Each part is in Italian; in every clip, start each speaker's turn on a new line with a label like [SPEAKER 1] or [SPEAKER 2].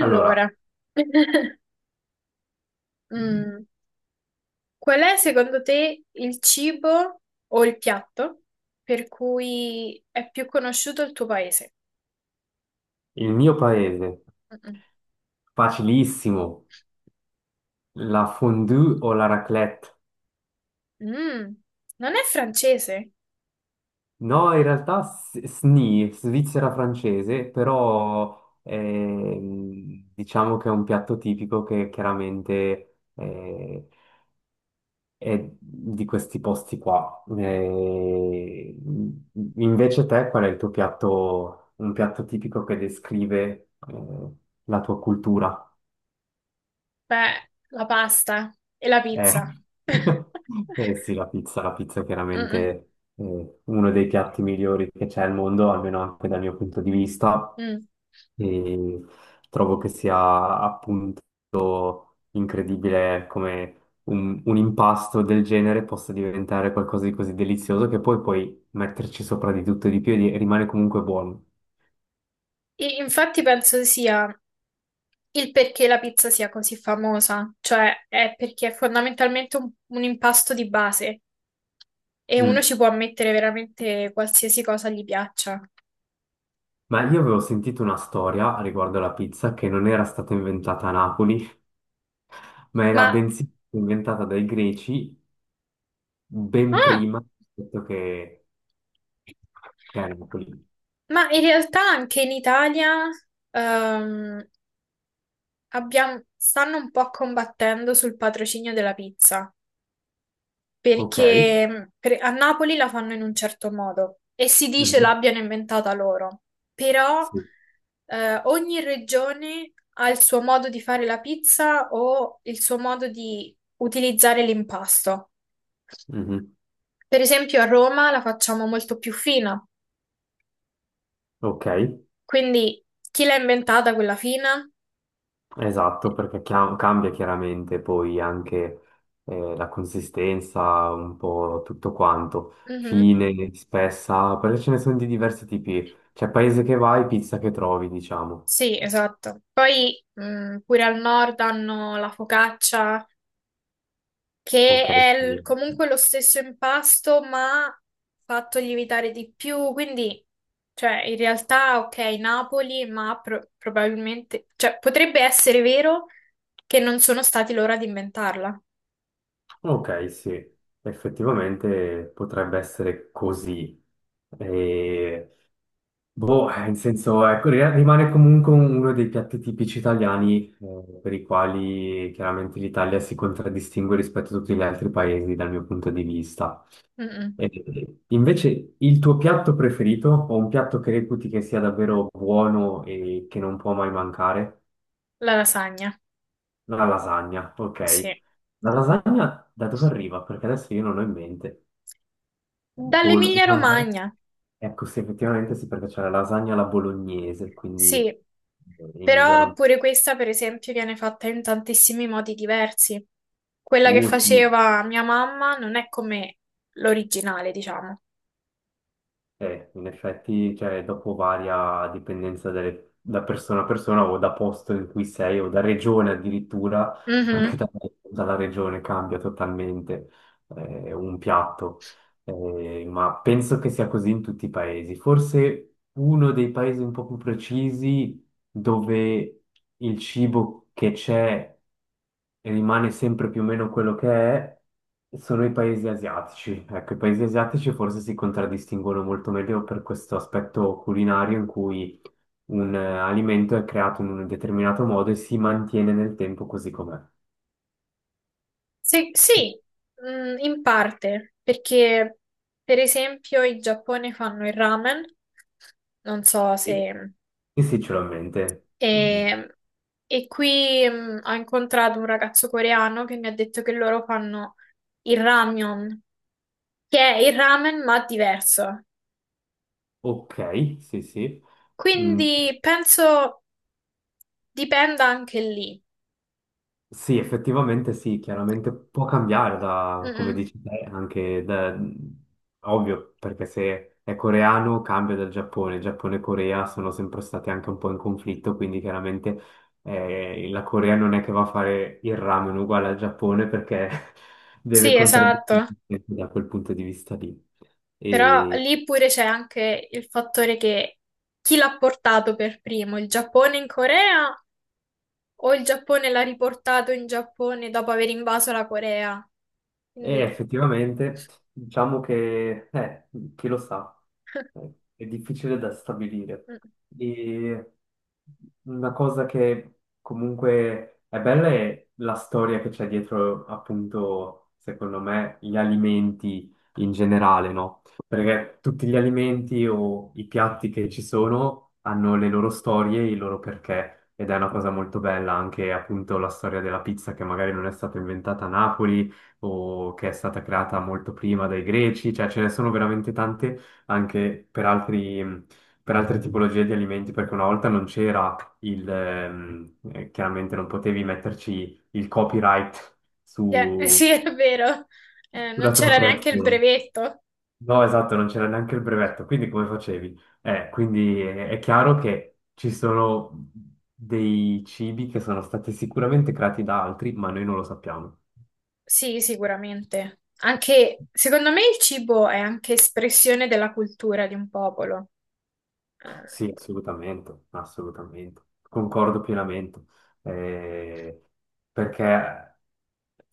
[SPEAKER 1] Allora,
[SPEAKER 2] mm, qual è secondo te il cibo o il piatto per cui è più conosciuto il tuo paese?
[SPEAKER 1] il mio paese,
[SPEAKER 2] Mm-mm.
[SPEAKER 1] facilissimo, la fondue o la raclette?
[SPEAKER 2] Mm, non è francese?
[SPEAKER 1] No, in realtà SNI, Svizzera francese, però diciamo che è un piatto tipico che chiaramente è di questi posti qua. Invece te, qual è il tuo piatto, un piatto tipico che descrive la tua cultura?
[SPEAKER 2] Beh, la pasta e la
[SPEAKER 1] Eh,
[SPEAKER 2] pizza.
[SPEAKER 1] eh sì, la pizza è
[SPEAKER 2] Mm-mm.
[SPEAKER 1] chiaramente uno dei piatti migliori che c'è al mondo, almeno anche dal mio punto di vista,
[SPEAKER 2] Mm.
[SPEAKER 1] e trovo che sia appunto incredibile come un impasto del genere possa diventare qualcosa di così delizioso che poi puoi metterci sopra di tutto e di più e rimane comunque buono.
[SPEAKER 2] E infatti penso sia il perché la pizza sia così famosa, cioè è perché è fondamentalmente un impasto di base e uno
[SPEAKER 1] Mm.
[SPEAKER 2] ci può mettere veramente qualsiasi cosa gli piaccia.
[SPEAKER 1] Ma io avevo sentito una storia riguardo alla pizza che non era stata inventata a Napoli, ma
[SPEAKER 2] Ma,
[SPEAKER 1] era bensì inventata dai greci ben
[SPEAKER 2] ah,
[SPEAKER 1] prima rispetto che a Napoli.
[SPEAKER 2] ma in realtà anche in Italia ehm, stanno un po' combattendo sul patrocinio della pizza.
[SPEAKER 1] Ok?
[SPEAKER 2] Perché a Napoli la fanno in un certo modo e si dice
[SPEAKER 1] Mhm.
[SPEAKER 2] l'abbiano inventata loro, però
[SPEAKER 1] Sì.
[SPEAKER 2] ogni regione ha il suo modo di fare la pizza o il suo modo di utilizzare l'impasto.
[SPEAKER 1] Mhm.
[SPEAKER 2] Per esempio a Roma la facciamo molto più fina,
[SPEAKER 1] Ok,
[SPEAKER 2] quindi chi l'ha inventata quella fina?
[SPEAKER 1] esatto, perché cambia chiaramente poi anche la consistenza, un po' tutto quanto,
[SPEAKER 2] Mhm.
[SPEAKER 1] fine, spessa, perché ce ne sono di diversi tipi. C'è paese che vai, pizza che trovi, diciamo.
[SPEAKER 2] Sì, esatto. Poi pure al nord hanno la focaccia che
[SPEAKER 1] Ok, sì.
[SPEAKER 2] comunque lo stesso impasto, ma fatto lievitare di più, quindi cioè, in realtà, ok, Napoli, ma probabilmente, cioè, potrebbe essere vero che non sono stati loro ad inventarla.
[SPEAKER 1] Ok, sì, effettivamente potrebbe essere così. E boh, in senso, ecco, rimane comunque uno dei piatti tipici italiani, per i quali chiaramente l'Italia si contraddistingue rispetto a tutti gli altri paesi dal mio punto di vista.
[SPEAKER 2] Mm-mm.
[SPEAKER 1] Invece, il tuo piatto preferito, o un piatto che reputi che sia davvero buono e che non può mai mancare?
[SPEAKER 2] La lasagna,
[SPEAKER 1] La lasagna, ok.
[SPEAKER 2] sì.
[SPEAKER 1] La lasagna da dove arriva? Perché adesso io non ho in mente. Lasagna?
[SPEAKER 2] Dall'Emilia-Romagna,
[SPEAKER 1] Ecco, sì, effettivamente sì, perché c'è la lasagna alla bolognese, quindi
[SPEAKER 2] sì.
[SPEAKER 1] Emilia
[SPEAKER 2] Però
[SPEAKER 1] Romagna.
[SPEAKER 2] pure questa, per esempio, viene fatta in tantissimi modi diversi. Quella che
[SPEAKER 1] Sì.
[SPEAKER 2] faceva mia mamma non è come l'originale, diciamo.
[SPEAKER 1] In effetti, cioè, dopo varia a dipendenza da persona a persona o da posto in cui sei o da regione addirittura, anche
[SPEAKER 2] Mhm.
[SPEAKER 1] dalla regione cambia totalmente un piatto. Ma penso che sia così in tutti i paesi. Forse uno dei paesi un po' più precisi dove il cibo che c'è rimane sempre più o meno quello che è, sono i paesi asiatici. Ecco, i paesi asiatici forse si contraddistinguono molto meglio per questo aspetto culinario in cui un alimento è creato in un determinato modo e si mantiene nel tempo così com'è.
[SPEAKER 2] Sì, sì, mm, in parte, perché per esempio in Giappone fanno il ramen, non so
[SPEAKER 1] E,
[SPEAKER 2] se...
[SPEAKER 1] e sì, ce l'ho in mente. Mm,
[SPEAKER 2] E, e qui ho incontrato un ragazzo coreano che mi ha detto che loro fanno il ramyeon, che è il ramen ma diverso.
[SPEAKER 1] ok, sì, sì. Mm,
[SPEAKER 2] Quindi penso dipenda anche lì.
[SPEAKER 1] sì, effettivamente sì, chiaramente può cambiare
[SPEAKER 2] Mm,
[SPEAKER 1] da, come
[SPEAKER 2] mm.
[SPEAKER 1] dici te, anche da, ovvio, perché se è coreano cambia dal Giappone, Giappone e Corea sono sempre stati anche un po' in conflitto, quindi chiaramente la Corea non è che va a fare il ramen uguale al Giappone perché deve
[SPEAKER 2] Sì,
[SPEAKER 1] contraddire
[SPEAKER 2] esatto.
[SPEAKER 1] da quel punto di vista lì.
[SPEAKER 2] Però
[SPEAKER 1] E,
[SPEAKER 2] lì pure c'è anche il fattore che chi l'ha portato per primo, il Giappone in Corea o il Giappone l'ha riportato in Giappone dopo aver invaso la Corea?
[SPEAKER 1] e
[SPEAKER 2] Quindi,
[SPEAKER 1] effettivamente, diciamo che, chi lo sa, è difficile da stabilire.
[SPEAKER 2] mm.
[SPEAKER 1] E una cosa che comunque è bella è la storia che c'è dietro, appunto, secondo me, gli alimenti in generale, no? Perché tutti gli alimenti o i piatti che ci sono hanno le loro storie, e i loro perché. Ed è una cosa molto bella anche appunto la storia della pizza che magari non è stata inventata a Napoli, o che è stata creata molto prima dai greci, cioè ce ne sono veramente tante anche per per altre tipologie di alimenti, perché una volta non c'era il, chiaramente non potevi metterci il copyright
[SPEAKER 2] Cioè, sì, è vero, eh, non
[SPEAKER 1] sulla tua
[SPEAKER 2] c'era neanche il
[SPEAKER 1] creazione.
[SPEAKER 2] brevetto.
[SPEAKER 1] No, esatto, non c'era neanche il brevetto, quindi come facevi? Quindi è chiaro che ci sono dei cibi che sono stati sicuramente creati da altri, ma noi non lo sappiamo.
[SPEAKER 2] Sì, sicuramente. Anche, secondo me, il cibo è anche espressione della cultura di un popolo. Eh,
[SPEAKER 1] Sì, assolutamente, assolutamente. Concordo pienamente. Eh, perché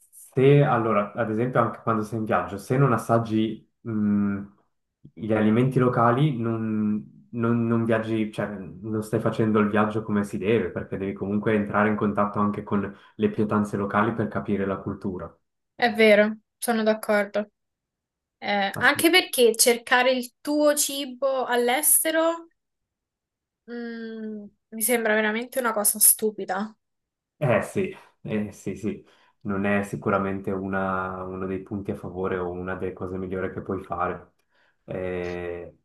[SPEAKER 1] se, allora, ad esempio, anche quando sei in viaggio, se non assaggi, gli alimenti locali, non viaggi, cioè, non stai facendo il viaggio come si deve, perché devi comunque entrare in contatto anche con le pietanze locali per capire la cultura.
[SPEAKER 2] è vero, sono d'accordo. Anche
[SPEAKER 1] Assolutamente.
[SPEAKER 2] perché cercare il tuo cibo all'estero, mm, mi sembra veramente una cosa stupida.
[SPEAKER 1] Eh sì, eh sì, sì, non è sicuramente uno dei punti a favore o una delle cose migliori che puoi fare. Eh,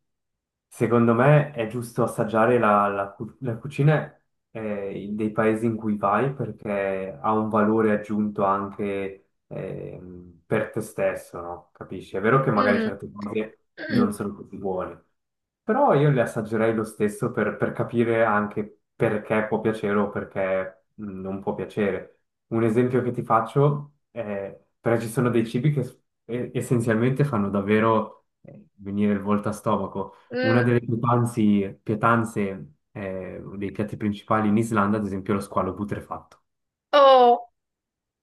[SPEAKER 1] secondo me è giusto assaggiare la la cucina dei paesi in cui vai perché ha un valore aggiunto anche per te stesso, no? Capisci? È vero che magari
[SPEAKER 2] Mm.
[SPEAKER 1] certe cose non
[SPEAKER 2] Mm.
[SPEAKER 1] sono così buone, però io le assaggerei lo stesso per capire anche perché può piacere o perché non può piacere. Un esempio che ti faccio è, perché ci sono dei cibi che essenzialmente fanno davvero venire il volto a stomaco. Una
[SPEAKER 2] Mm.
[SPEAKER 1] delle pietanze, dei piatti principali in Islanda, ad esempio, è lo squalo putrefatto.
[SPEAKER 2] Oh,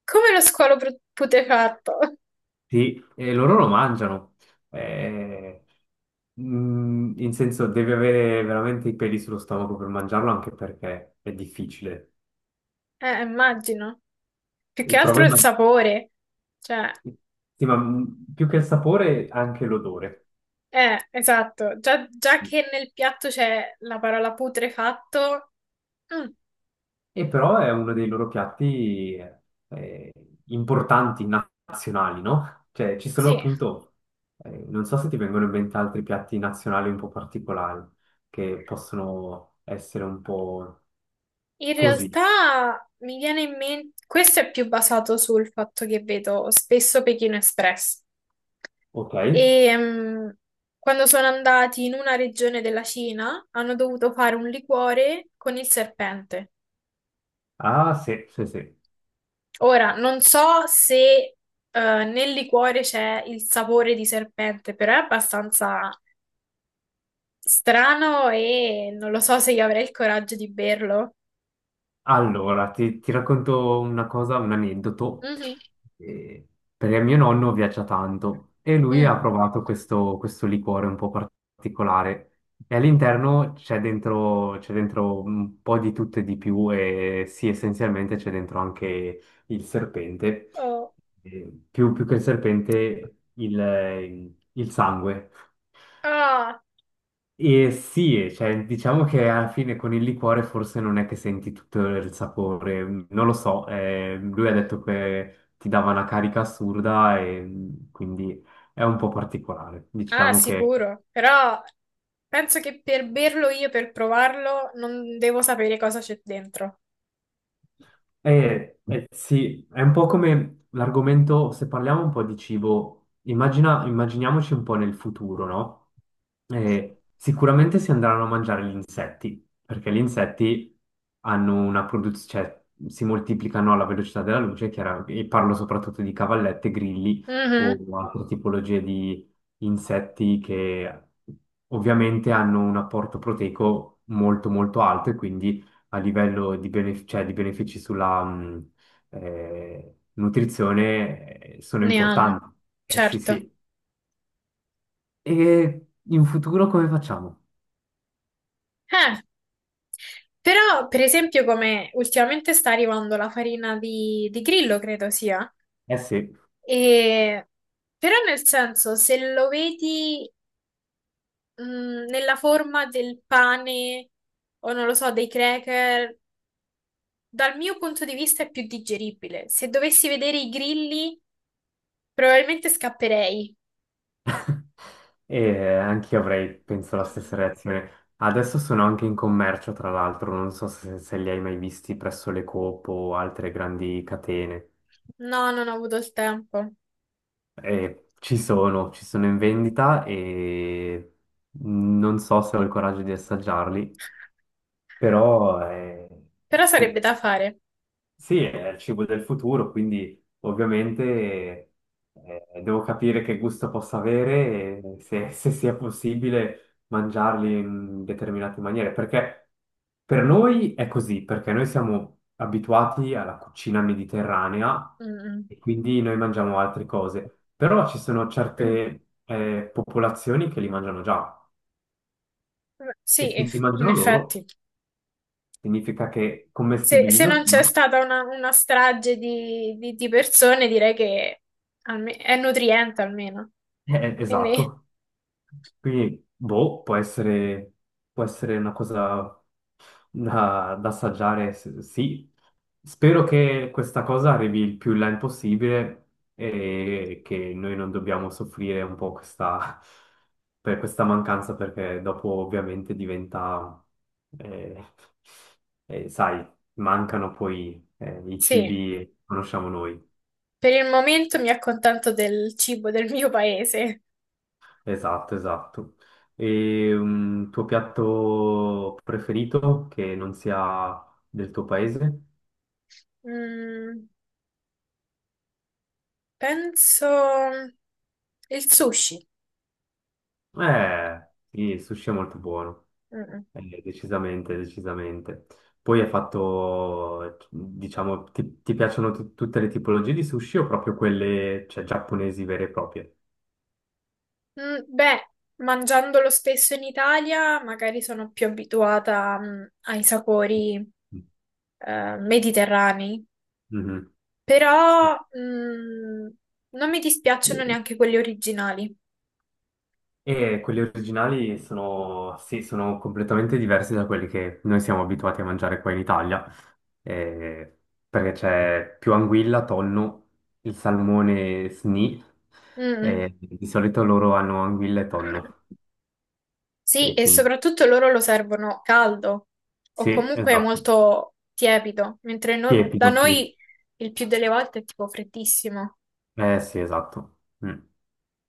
[SPEAKER 2] come lo squalo putrefatto?
[SPEAKER 1] Sì, e loro lo mangiano. Eh, mm, in senso, devi avere veramente i peli sullo stomaco per mangiarlo, anche perché è difficile.
[SPEAKER 2] Immagino. Più che
[SPEAKER 1] Il
[SPEAKER 2] altro il
[SPEAKER 1] problema,
[SPEAKER 2] sapore. Cioè,
[SPEAKER 1] sì, ma mm, più che il sapore, anche l'odore.
[SPEAKER 2] esatto. Già, già che nel piatto c'è la parola putrefatto, mm,
[SPEAKER 1] E però è uno dei loro piatti eh, importanti, nazionali, no? Cioè, ci sono
[SPEAKER 2] sì.
[SPEAKER 1] appunto, non so se ti vengono in mente altri piatti nazionali un po' particolari, che possono essere un po'
[SPEAKER 2] In
[SPEAKER 1] così,
[SPEAKER 2] realtà mi viene in mente, questo è più basato sul fatto che vedo spesso Pechino Express.
[SPEAKER 1] ok?
[SPEAKER 2] E quando sono andati in una regione della Cina hanno dovuto fare un liquore con il serpente.
[SPEAKER 1] Ah, sì, sì, sì.
[SPEAKER 2] Ora, non so se nel liquore c'è il sapore di serpente, però è abbastanza strano e non lo so se io avrei il coraggio di berlo.
[SPEAKER 1] Allora, ti racconto una cosa, un aneddoto.
[SPEAKER 2] Mhm.
[SPEAKER 1] Eh, perché mio nonno viaggia tanto e lui
[SPEAKER 2] Mm.
[SPEAKER 1] ha provato questo liquore un po' particolare. E all'interno c'è dentro un po' di tutto e di più e sì, essenzialmente c'è dentro anche il serpente.
[SPEAKER 2] Oh.
[SPEAKER 1] Più che il serpente, il sangue.
[SPEAKER 2] Ah.
[SPEAKER 1] E sì, e cioè, diciamo che alla fine con il liquore forse non è che senti tutto il sapore, mm, non lo so, lui ha detto che ti dava una carica assurda e mm, quindi è un po' particolare.
[SPEAKER 2] Ah,
[SPEAKER 1] Diciamo che
[SPEAKER 2] sicuro, però penso che per berlo io, per provarlo, non devo sapere cosa c'è dentro.
[SPEAKER 1] Sì, è un po' come l'argomento, se parliamo un po' di cibo, immaginiamoci un po' nel futuro, no? Sicuramente si andranno a mangiare gli insetti, perché gli insetti hanno una produzione, cioè si moltiplicano alla velocità della luce, e parlo soprattutto di cavallette, grilli o
[SPEAKER 2] Mhm,
[SPEAKER 1] altre tipologie di insetti che ovviamente hanno un apporto proteico molto molto alto e quindi a livello cioè, di benefici sulla nutrizione sono
[SPEAKER 2] ne hanno,
[SPEAKER 1] importanti. Eh sì,
[SPEAKER 2] certo.
[SPEAKER 1] sì. E in futuro come facciamo?
[SPEAKER 2] Eh, però, per esempio, come ultimamente sta arrivando la farina di grillo, credo sia,
[SPEAKER 1] Eh sì.
[SPEAKER 2] e... Però nel senso, se lo vedi nella forma del pane o non lo so, dei cracker, dal mio punto di vista è più digeribile. Se dovessi vedere i grilli... Probabilmente scapperei.
[SPEAKER 1] E anche io avrei, penso, la
[SPEAKER 2] Mm.
[SPEAKER 1] stessa reazione. Adesso sono anche in commercio, tra l'altro, non so se li hai mai visti presso le Coop o altre grandi catene.
[SPEAKER 2] No, non ho avuto il tempo.
[SPEAKER 1] Ci sono in vendita e non so se ho il coraggio di assaggiarli. Però
[SPEAKER 2] Però sarebbe
[SPEAKER 1] sì,
[SPEAKER 2] da fare.
[SPEAKER 1] sì, è il cibo del futuro, quindi ovviamente devo capire che gusto possa avere e se sia possibile mangiarli in determinate maniere, perché per noi è così, perché noi siamo abituati alla cucina mediterranea
[SPEAKER 2] Mm.
[SPEAKER 1] e quindi noi mangiamo altre cose, però ci sono
[SPEAKER 2] Mm.
[SPEAKER 1] certe popolazioni che li mangiano già e
[SPEAKER 2] Sì,
[SPEAKER 1] se li
[SPEAKER 2] in
[SPEAKER 1] mangiano loro
[SPEAKER 2] effetti.
[SPEAKER 1] significa che
[SPEAKER 2] Se,
[SPEAKER 1] commestibili
[SPEAKER 2] se
[SPEAKER 1] lo
[SPEAKER 2] non c'è
[SPEAKER 1] sono.
[SPEAKER 2] stata una strage di, di persone, direi che è nutriente almeno. Quindi,
[SPEAKER 1] Esatto. Quindi, boh, può essere una cosa da, da assaggiare, sì. Spero che questa cosa arrivi il più in là il possibile e che noi non dobbiamo soffrire un po' questa, per questa mancanza, perché dopo ovviamente diventa, eh, sai, mancano poi i
[SPEAKER 2] sì,
[SPEAKER 1] cibi che conosciamo noi.
[SPEAKER 2] per il momento mi accontento del cibo del mio paese.
[SPEAKER 1] Esatto, esatto. E un tuo piatto preferito che non sia del tuo paese?
[SPEAKER 2] Mm, penso il sushi.
[SPEAKER 1] Sì, il sushi è molto buono.
[SPEAKER 2] Mm.
[SPEAKER 1] Decisamente, decisamente. Poi hai fatto, diciamo, ti piacciono tutte le tipologie di sushi o proprio quelle, cioè, giapponesi vere e proprie?
[SPEAKER 2] Beh, mangiandolo spesso in Italia, magari sono più abituata, ai sapori, mediterranei,
[SPEAKER 1] Mhm. Sì.
[SPEAKER 2] però, non mi dispiacciono neanche quelli originali.
[SPEAKER 1] E quelli originali sono, sì, sono completamente diversi da quelli che noi siamo abituati a mangiare qua in Italia, eh, perché c'è più anguilla, tonno, il salmone sni,
[SPEAKER 2] Mm.
[SPEAKER 1] di solito loro hanno anguilla e tonno,
[SPEAKER 2] Sì,
[SPEAKER 1] e
[SPEAKER 2] e
[SPEAKER 1] quindi
[SPEAKER 2] soprattutto loro lo servono caldo o
[SPEAKER 1] sì,
[SPEAKER 2] comunque
[SPEAKER 1] esatto,
[SPEAKER 2] molto tiepido, mentre da
[SPEAKER 1] tiepido, sì.
[SPEAKER 2] noi il più delle volte è tipo freddissimo.
[SPEAKER 1] Eh sì, esatto. Mm.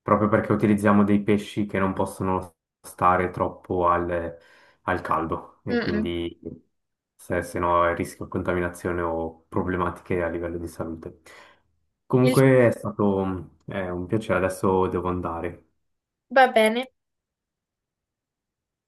[SPEAKER 1] Proprio perché utilizziamo dei pesci che non possono stare troppo al, al caldo e
[SPEAKER 2] Mm-mm.
[SPEAKER 1] quindi se, se no è rischio di contaminazione o problematiche a livello di salute.
[SPEAKER 2] Il-
[SPEAKER 1] Comunque è stato un piacere, adesso devo andare.
[SPEAKER 2] Va bene.